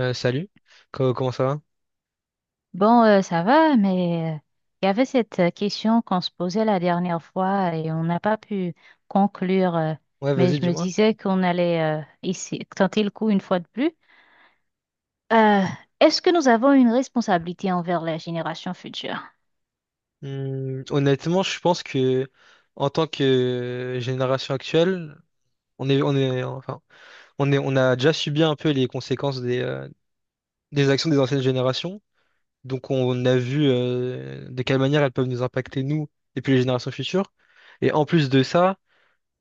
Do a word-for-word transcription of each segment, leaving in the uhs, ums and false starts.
Euh, salut, Co- comment ça va? Bon, euh, ça va, mais euh, il y avait cette euh, question qu'on se posait la dernière fois et on n'a pas pu conclure. euh, Ouais, Mais vas-y, je me dis-moi. disais qu'on allait euh, ici tenter le coup une fois de plus. Euh, Est-ce que nous avons une responsabilité envers la génération future? Hmm, honnêtement, je pense que en tant que génération actuelle, on est, on est, enfin, on est, on a déjà subi un peu les conséquences des, euh, des actions des anciennes générations. Donc, on a vu euh, de quelle manière elles peuvent nous impacter nous et puis les générations futures. Et en plus de ça,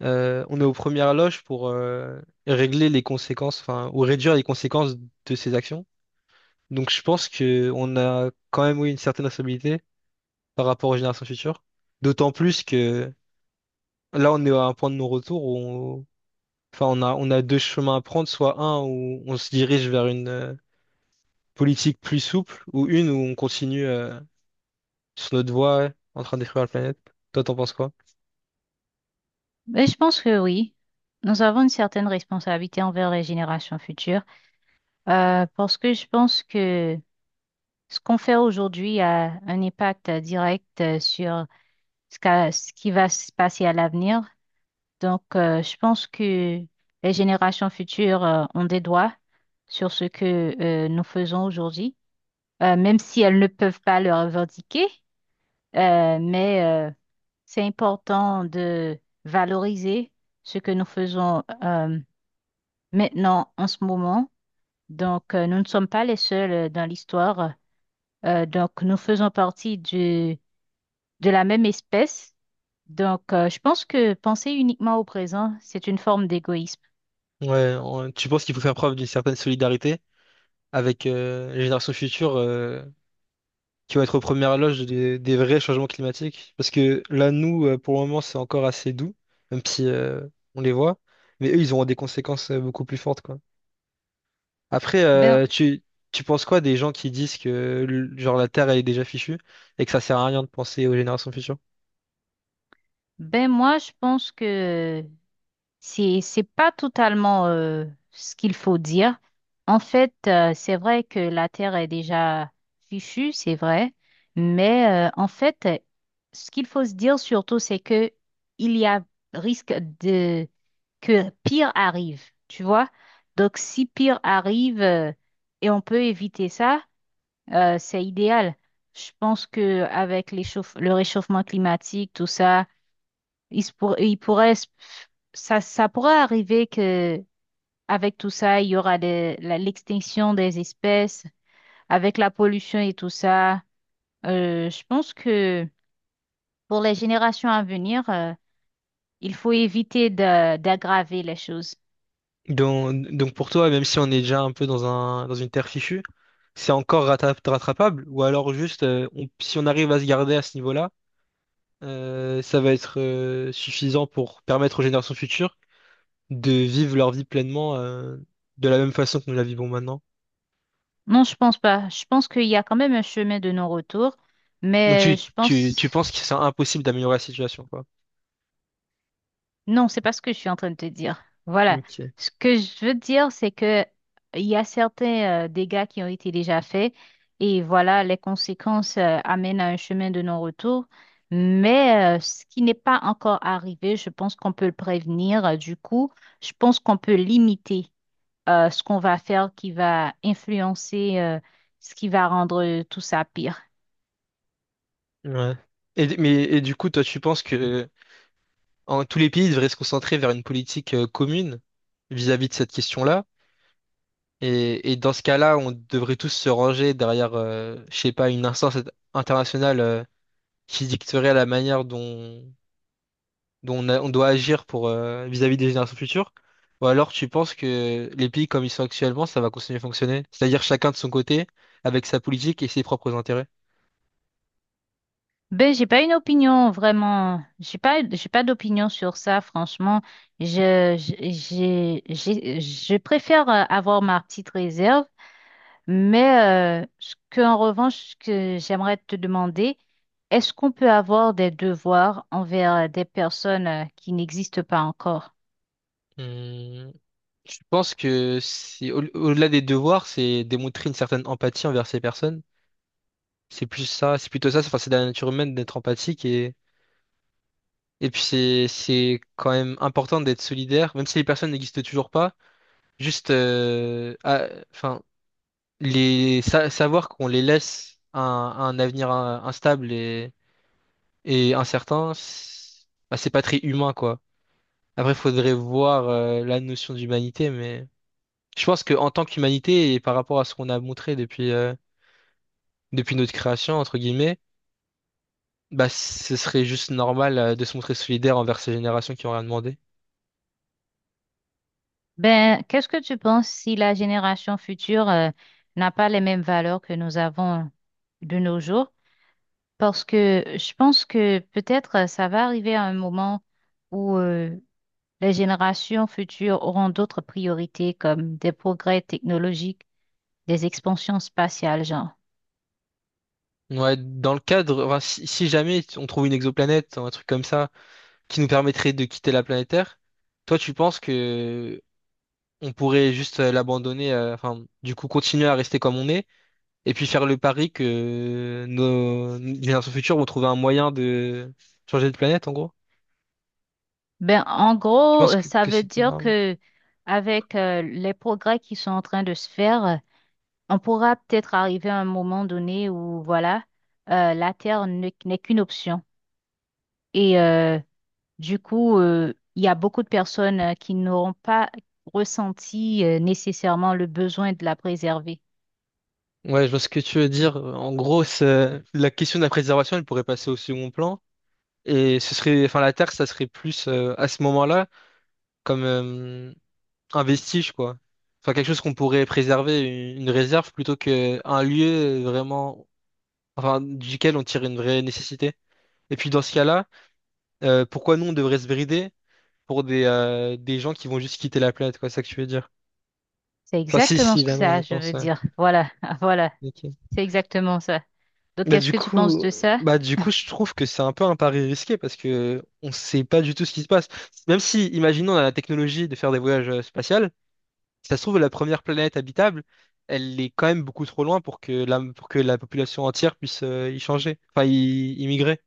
euh, on est aux premières loges pour euh, régler les conséquences, enfin, ou réduire les conséquences de ces actions. Donc, je pense que on a quand même oui, une certaine responsabilité par rapport aux générations futures. D'autant plus que là, on est à un point de non-retour où on... Enfin, on a, on a deux chemins à prendre, soit un où on se dirige vers une euh, politique plus souple, ou une où on continue euh, sur notre voie en train de détruire la planète. Toi, t'en penses quoi? Mais je pense que oui. Nous avons une certaine responsabilité envers les générations futures euh, parce que je pense que ce qu'on fait aujourd'hui a un impact euh, direct euh, sur ce qu'a- ce qui va se passer à l'avenir. Donc, euh, je pense que les générations futures euh, ont des droits sur ce que euh, nous faisons aujourd'hui, Euh, même si elles ne peuvent pas le revendiquer. euh, mais euh, c'est important de valoriser ce que nous faisons euh, maintenant, en ce moment. Donc, euh, nous ne sommes pas les seuls euh, dans l'histoire. Euh, donc, nous faisons partie du de la même espèce. Donc, euh, je pense que penser uniquement au présent, c'est une forme d'égoïsme. Ouais, on- tu penses qu'il faut faire preuve d'une certaine solidarité avec euh, les générations futures, euh, qui vont être aux premières loges des, des vrais changements climatiques. Parce que là, nous, euh, pour le moment, c'est encore assez doux, même si euh, on les voit. Mais eux, ils auront des conséquences euh, beaucoup plus fortes, quoi. Après, euh, Ben, tu, tu penses quoi des gens qui disent que le- genre la Terre, elle est déjà fichue et que ça sert à rien de penser aux générations futures? ben moi, je pense que c'est c'est pas totalement euh, ce qu'il faut dire. En fait, euh, c'est vrai que la Terre est déjà fichue, c'est vrai, mais euh, en fait, ce qu'il faut se dire surtout, c'est que il y a risque de que pire arrive, tu vois? Donc, si pire arrive euh, et on peut éviter ça. Euh, c'est idéal. Je pense que avec l'échauffe- le réchauffement climatique, tout ça, il, se pour- il pourrait, se- ça, ça pourrait arriver que avec tout ça, il y aura des- la- l'extinction des espèces, avec la pollution et tout ça. Euh, je pense que pour les générations à venir, euh, il faut éviter d'a- d'aggraver les choses. Donc, donc pour toi, même si on est déjà un peu dans un, dans une terre fichue, c'est encore rattra- rattrapable, ou alors juste, euh, on- si on arrive à se garder à ce niveau-là, euh, ça va être euh, suffisant pour permettre aux générations futures de vivre leur vie pleinement euh, de la même façon que nous la vivons maintenant. Non, je pense pas. Je pense qu'il y a quand même un chemin de non-retour, Donc mais tu, je tu, pense. tu penses que c'est impossible d'améliorer la situation, quoi. Non, c'est pas ce que je suis en train de te dire. Voilà. Ok. Ce que je veux dire, c'est que il y a certains euh, dégâts qui ont été déjà faits et voilà, les conséquences euh, amènent à un chemin de non-retour. Mais euh, ce qui n'est pas encore arrivé, je pense qu'on peut le prévenir. Euh, Du coup, je pense qu'on peut limiter euh, ce qu'on va faire qui va influencer euh, ce qui va rendre euh, tout ça pire. Ouais. Et, d- mais, et du coup, toi, tu penses que euh, en, tous les pays devraient se concentrer vers une politique euh, commune vis-à-vis de cette question-là? Et, et dans ce cas-là, on devrait tous se ranger derrière, euh, je sais pas, une instance internationale euh, qui dicterait la manière dont, dont on, a- on doit agir pour euh, vis-à-vis des générations futures. Ou alors tu penses que les pays comme ils sont actuellement, ça va continuer à fonctionner? C'est-à-dire chacun de son côté, avec sa politique et ses propres intérêts. Ben, j'ai pas une opinion vraiment. J'ai pas, j'ai pas d'opinion sur ça, franchement. Je, je- j'ai, j'ai- je préfère euh, avoir ma petite réserve, mais euh, ce que, en revanche, ce que j'aimerais te demander, est-ce qu'on peut avoir des devoirs envers euh, des personnes euh, qui n'existent pas encore? Hmm, je pense que c'est au- au-delà des devoirs, c'est démontrer une certaine empathie envers ces personnes. C'est plus ça, c'est plutôt ça. Enfin, c'est de la nature humaine d'être empathique et Et puis c'est c'est quand même important d'être solidaire, même si les personnes n'existent toujours pas. Juste, euh, à- enfin, les sa- savoir qu'on les laisse à un, à un avenir euh, instable et, et incertain, c'est bah, c'est pas très humain quoi. Après, faudrait voir euh, la notion d'humanité, mais je pense que en tant qu'humanité et par rapport à ce qu'on a montré depuis euh, depuis notre création entre guillemets, bah ce serait juste normal euh, de se montrer solidaire envers ces générations qui ont rien demandé. Ben, qu'est-ce que tu penses si la génération future euh, n'a pas les mêmes valeurs que nous avons de nos jours? Parce que je pense que peut-être euh, ça va arriver à un moment où euh, les générations futures auront d'autres priorités comme des progrès technologiques, des expansions spatiales, genre. Ouais, dans le cadre, enfin, si, si jamais on trouve une exoplanète, un truc comme ça, qui nous permettrait de quitter la planète Terre, toi tu penses que on pourrait juste euh, l'abandonner, euh, enfin, du coup continuer à rester comme on est, et puis faire le pari que nos nos générations futures vont trouver un moyen de changer de planète, en gros? Ben, en Tu gros, penses euh, que, ça que veut c'est de dire là? que avec euh, les progrès qui sont en train de se faire, euh, on pourra peut-être arriver à un moment donné où, voilà, euh, la Terre ne- n'est qu'une option. Et euh, du coup, euh, il y a beaucoup de personnes euh, qui n'auront pas ressenti euh, nécessairement le besoin de la préserver. Ouais, je vois ce que tu veux dire. En gros, c'est- la question de la préservation, elle pourrait passer au second plan. Et ce serait, enfin, la Terre, ça serait plus euh, à ce moment-là, comme un vestige, quoi. Enfin, quelque chose qu'on pourrait préserver, une une réserve, plutôt que un lieu vraiment, enfin, duquel on tire une vraie nécessité. Et puis, dans ce cas-là, euh, pourquoi nous, on devrait se brider pour des, euh, des gens qui vont juste quitter la planète, quoi, c'est ça que tu veux dire. C'est Enfin, si, exactement si, ce que là, on ça, y je pense, veux ouais. dire. Voilà, voilà, Ok. c'est exactement ça. Donc, Bah, qu'est-ce du que tu penses coup, de ça? bah, du coup, je trouve que c'est un peu un pari risqué parce que on sait pas du tout ce qui se passe. Même si, imaginons, on a la technologie de faire des voyages euh, spatiaux. Si ça se trouve, la première planète habitable, elle est quand même beaucoup trop loin pour que la, pour que la population entière puisse euh, y changer, enfin y, y migrer.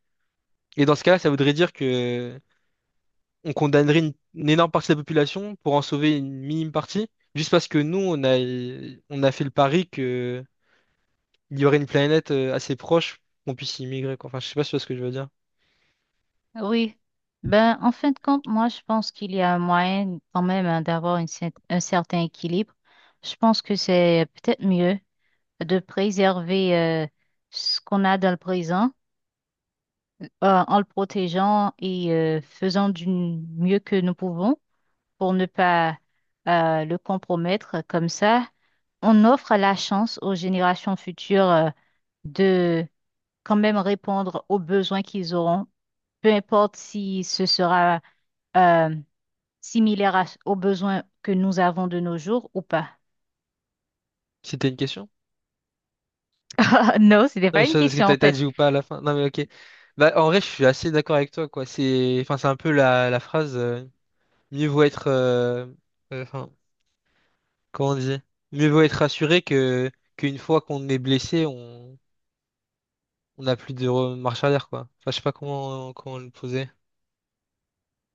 Et dans ce cas-là, ça voudrait dire que on condamnerait une, une énorme partie de la population pour en sauver une minime partie, juste parce que nous, on a, on a fait le pari que il y aurait une planète euh, assez proche qu'on puisse y migrer, quoi. Enfin, je sais pas si tu vois ce que je veux dire. Oui, ben en fin de compte, moi je pense qu'il y a un moyen quand même hein, d'avoir une cer- un certain équilibre. Je pense que c'est peut-être mieux de préserver euh, ce qu'on a dans le présent euh, en le protégeant et euh, faisant du mieux que nous pouvons pour ne pas euh, le compromettre. Comme ça, on offre la chance aux générations futures euh, de quand même répondre aux besoins qu'ils auront, peu importe si ce sera euh, similaire à- aux besoins que nous avons de nos jours ou pas. C'était une question? Non, c'était Non, mais pas je une sais pas ce que question t'as en t'as fait. dit ou pas à la fin. Non, mais ok. Bah, en vrai, je suis assez d'accord avec toi, quoi. C'est, enfin, c'est un peu la, la phrase, euh, mieux vaut être, euh, euh, enfin, comment on dit? Mieux vaut être rassuré que, qu'une fois qu'on est blessé, on, on n'a plus de re- marche arrière, quoi. Enfin, je sais pas comment, comment le poser.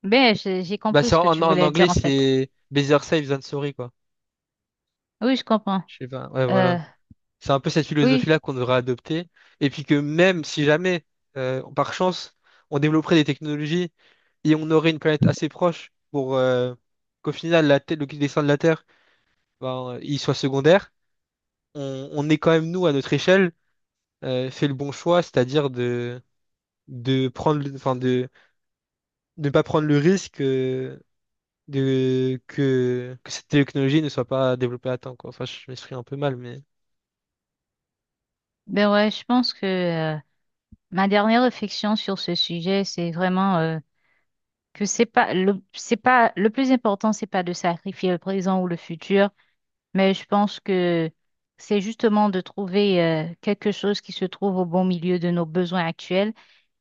Ben, j'ai j'ai Bah, compris c'est ce que en, tu en voulais anglais, dire en fait. c'est better safe than sorry, quoi. Oui, je comprends. Je sais pas. Ouais, Euh, voilà. C'est un peu cette oui, philosophie-là qu'on devrait adopter. Et puis que même si jamais, euh, par chance, on développerait des technologies et on aurait une planète assez proche pour euh, qu'au final, la Terre- le dessin de la Terre, ben, il soit secondaire, on, on ait quand même, nous, à notre échelle, euh, fait le bon choix, c'est-à-dire de, de prendre, le- enfin, de, de ne pas prendre le risque euh, de, que, que cette technologie ne soit pas développée à temps, quoi. Enfin, je m'exprime un peu mal, mais... ben ouais, je pense que euh, ma dernière réflexion sur ce sujet, c'est vraiment euh, que c'est pas le c'est pas le plus important, c'est pas de sacrifier le présent ou le futur, mais je pense que c'est justement de trouver euh, quelque chose qui se trouve au bon milieu de nos besoins actuels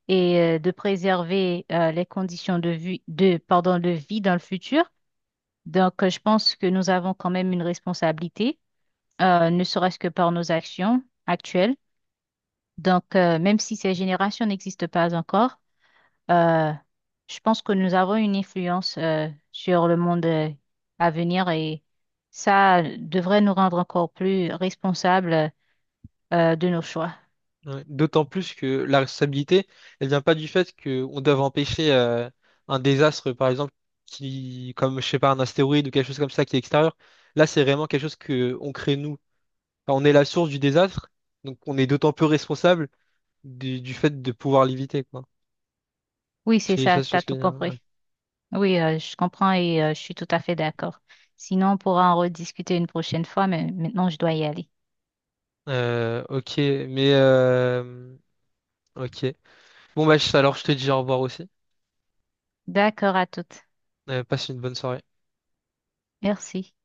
et euh, de préserver euh, les conditions de vie, de, pardon, de vie dans le futur. Donc, euh, je pense que nous avons quand même une responsabilité, euh, ne serait-ce que par nos actions actuelles. Donc, euh, même si ces générations n'existent pas encore, euh, je pense que nous avons une influence euh, sur le monde euh, à venir et ça devrait nous rendre encore plus responsables euh, de nos choix. Ouais. D'autant plus que la responsabilité, elle vient pas du fait qu'on doit empêcher euh, un désastre, par exemple, qui, comme je sais pas, un astéroïde ou quelque chose comme ça qui est extérieur. Là, c'est vraiment quelque chose que on crée nous. Enfin, on est la source du désastre, donc on est d'autant plus responsable du, du fait de pouvoir l'éviter, quoi. Oui, c'est C'est ça, ça, c'est t'as ce que tout je veux dire. Ouais. compris. Oui, euh, je comprends et euh, je suis tout à fait d'accord. Sinon, on pourra en rediscuter une prochaine fois, mais maintenant, je dois y aller. Euh, ok, mais euh, ok. Bon bah je- alors je te dis au revoir aussi. D'accord à toutes. Euh, passe une bonne soirée. Merci.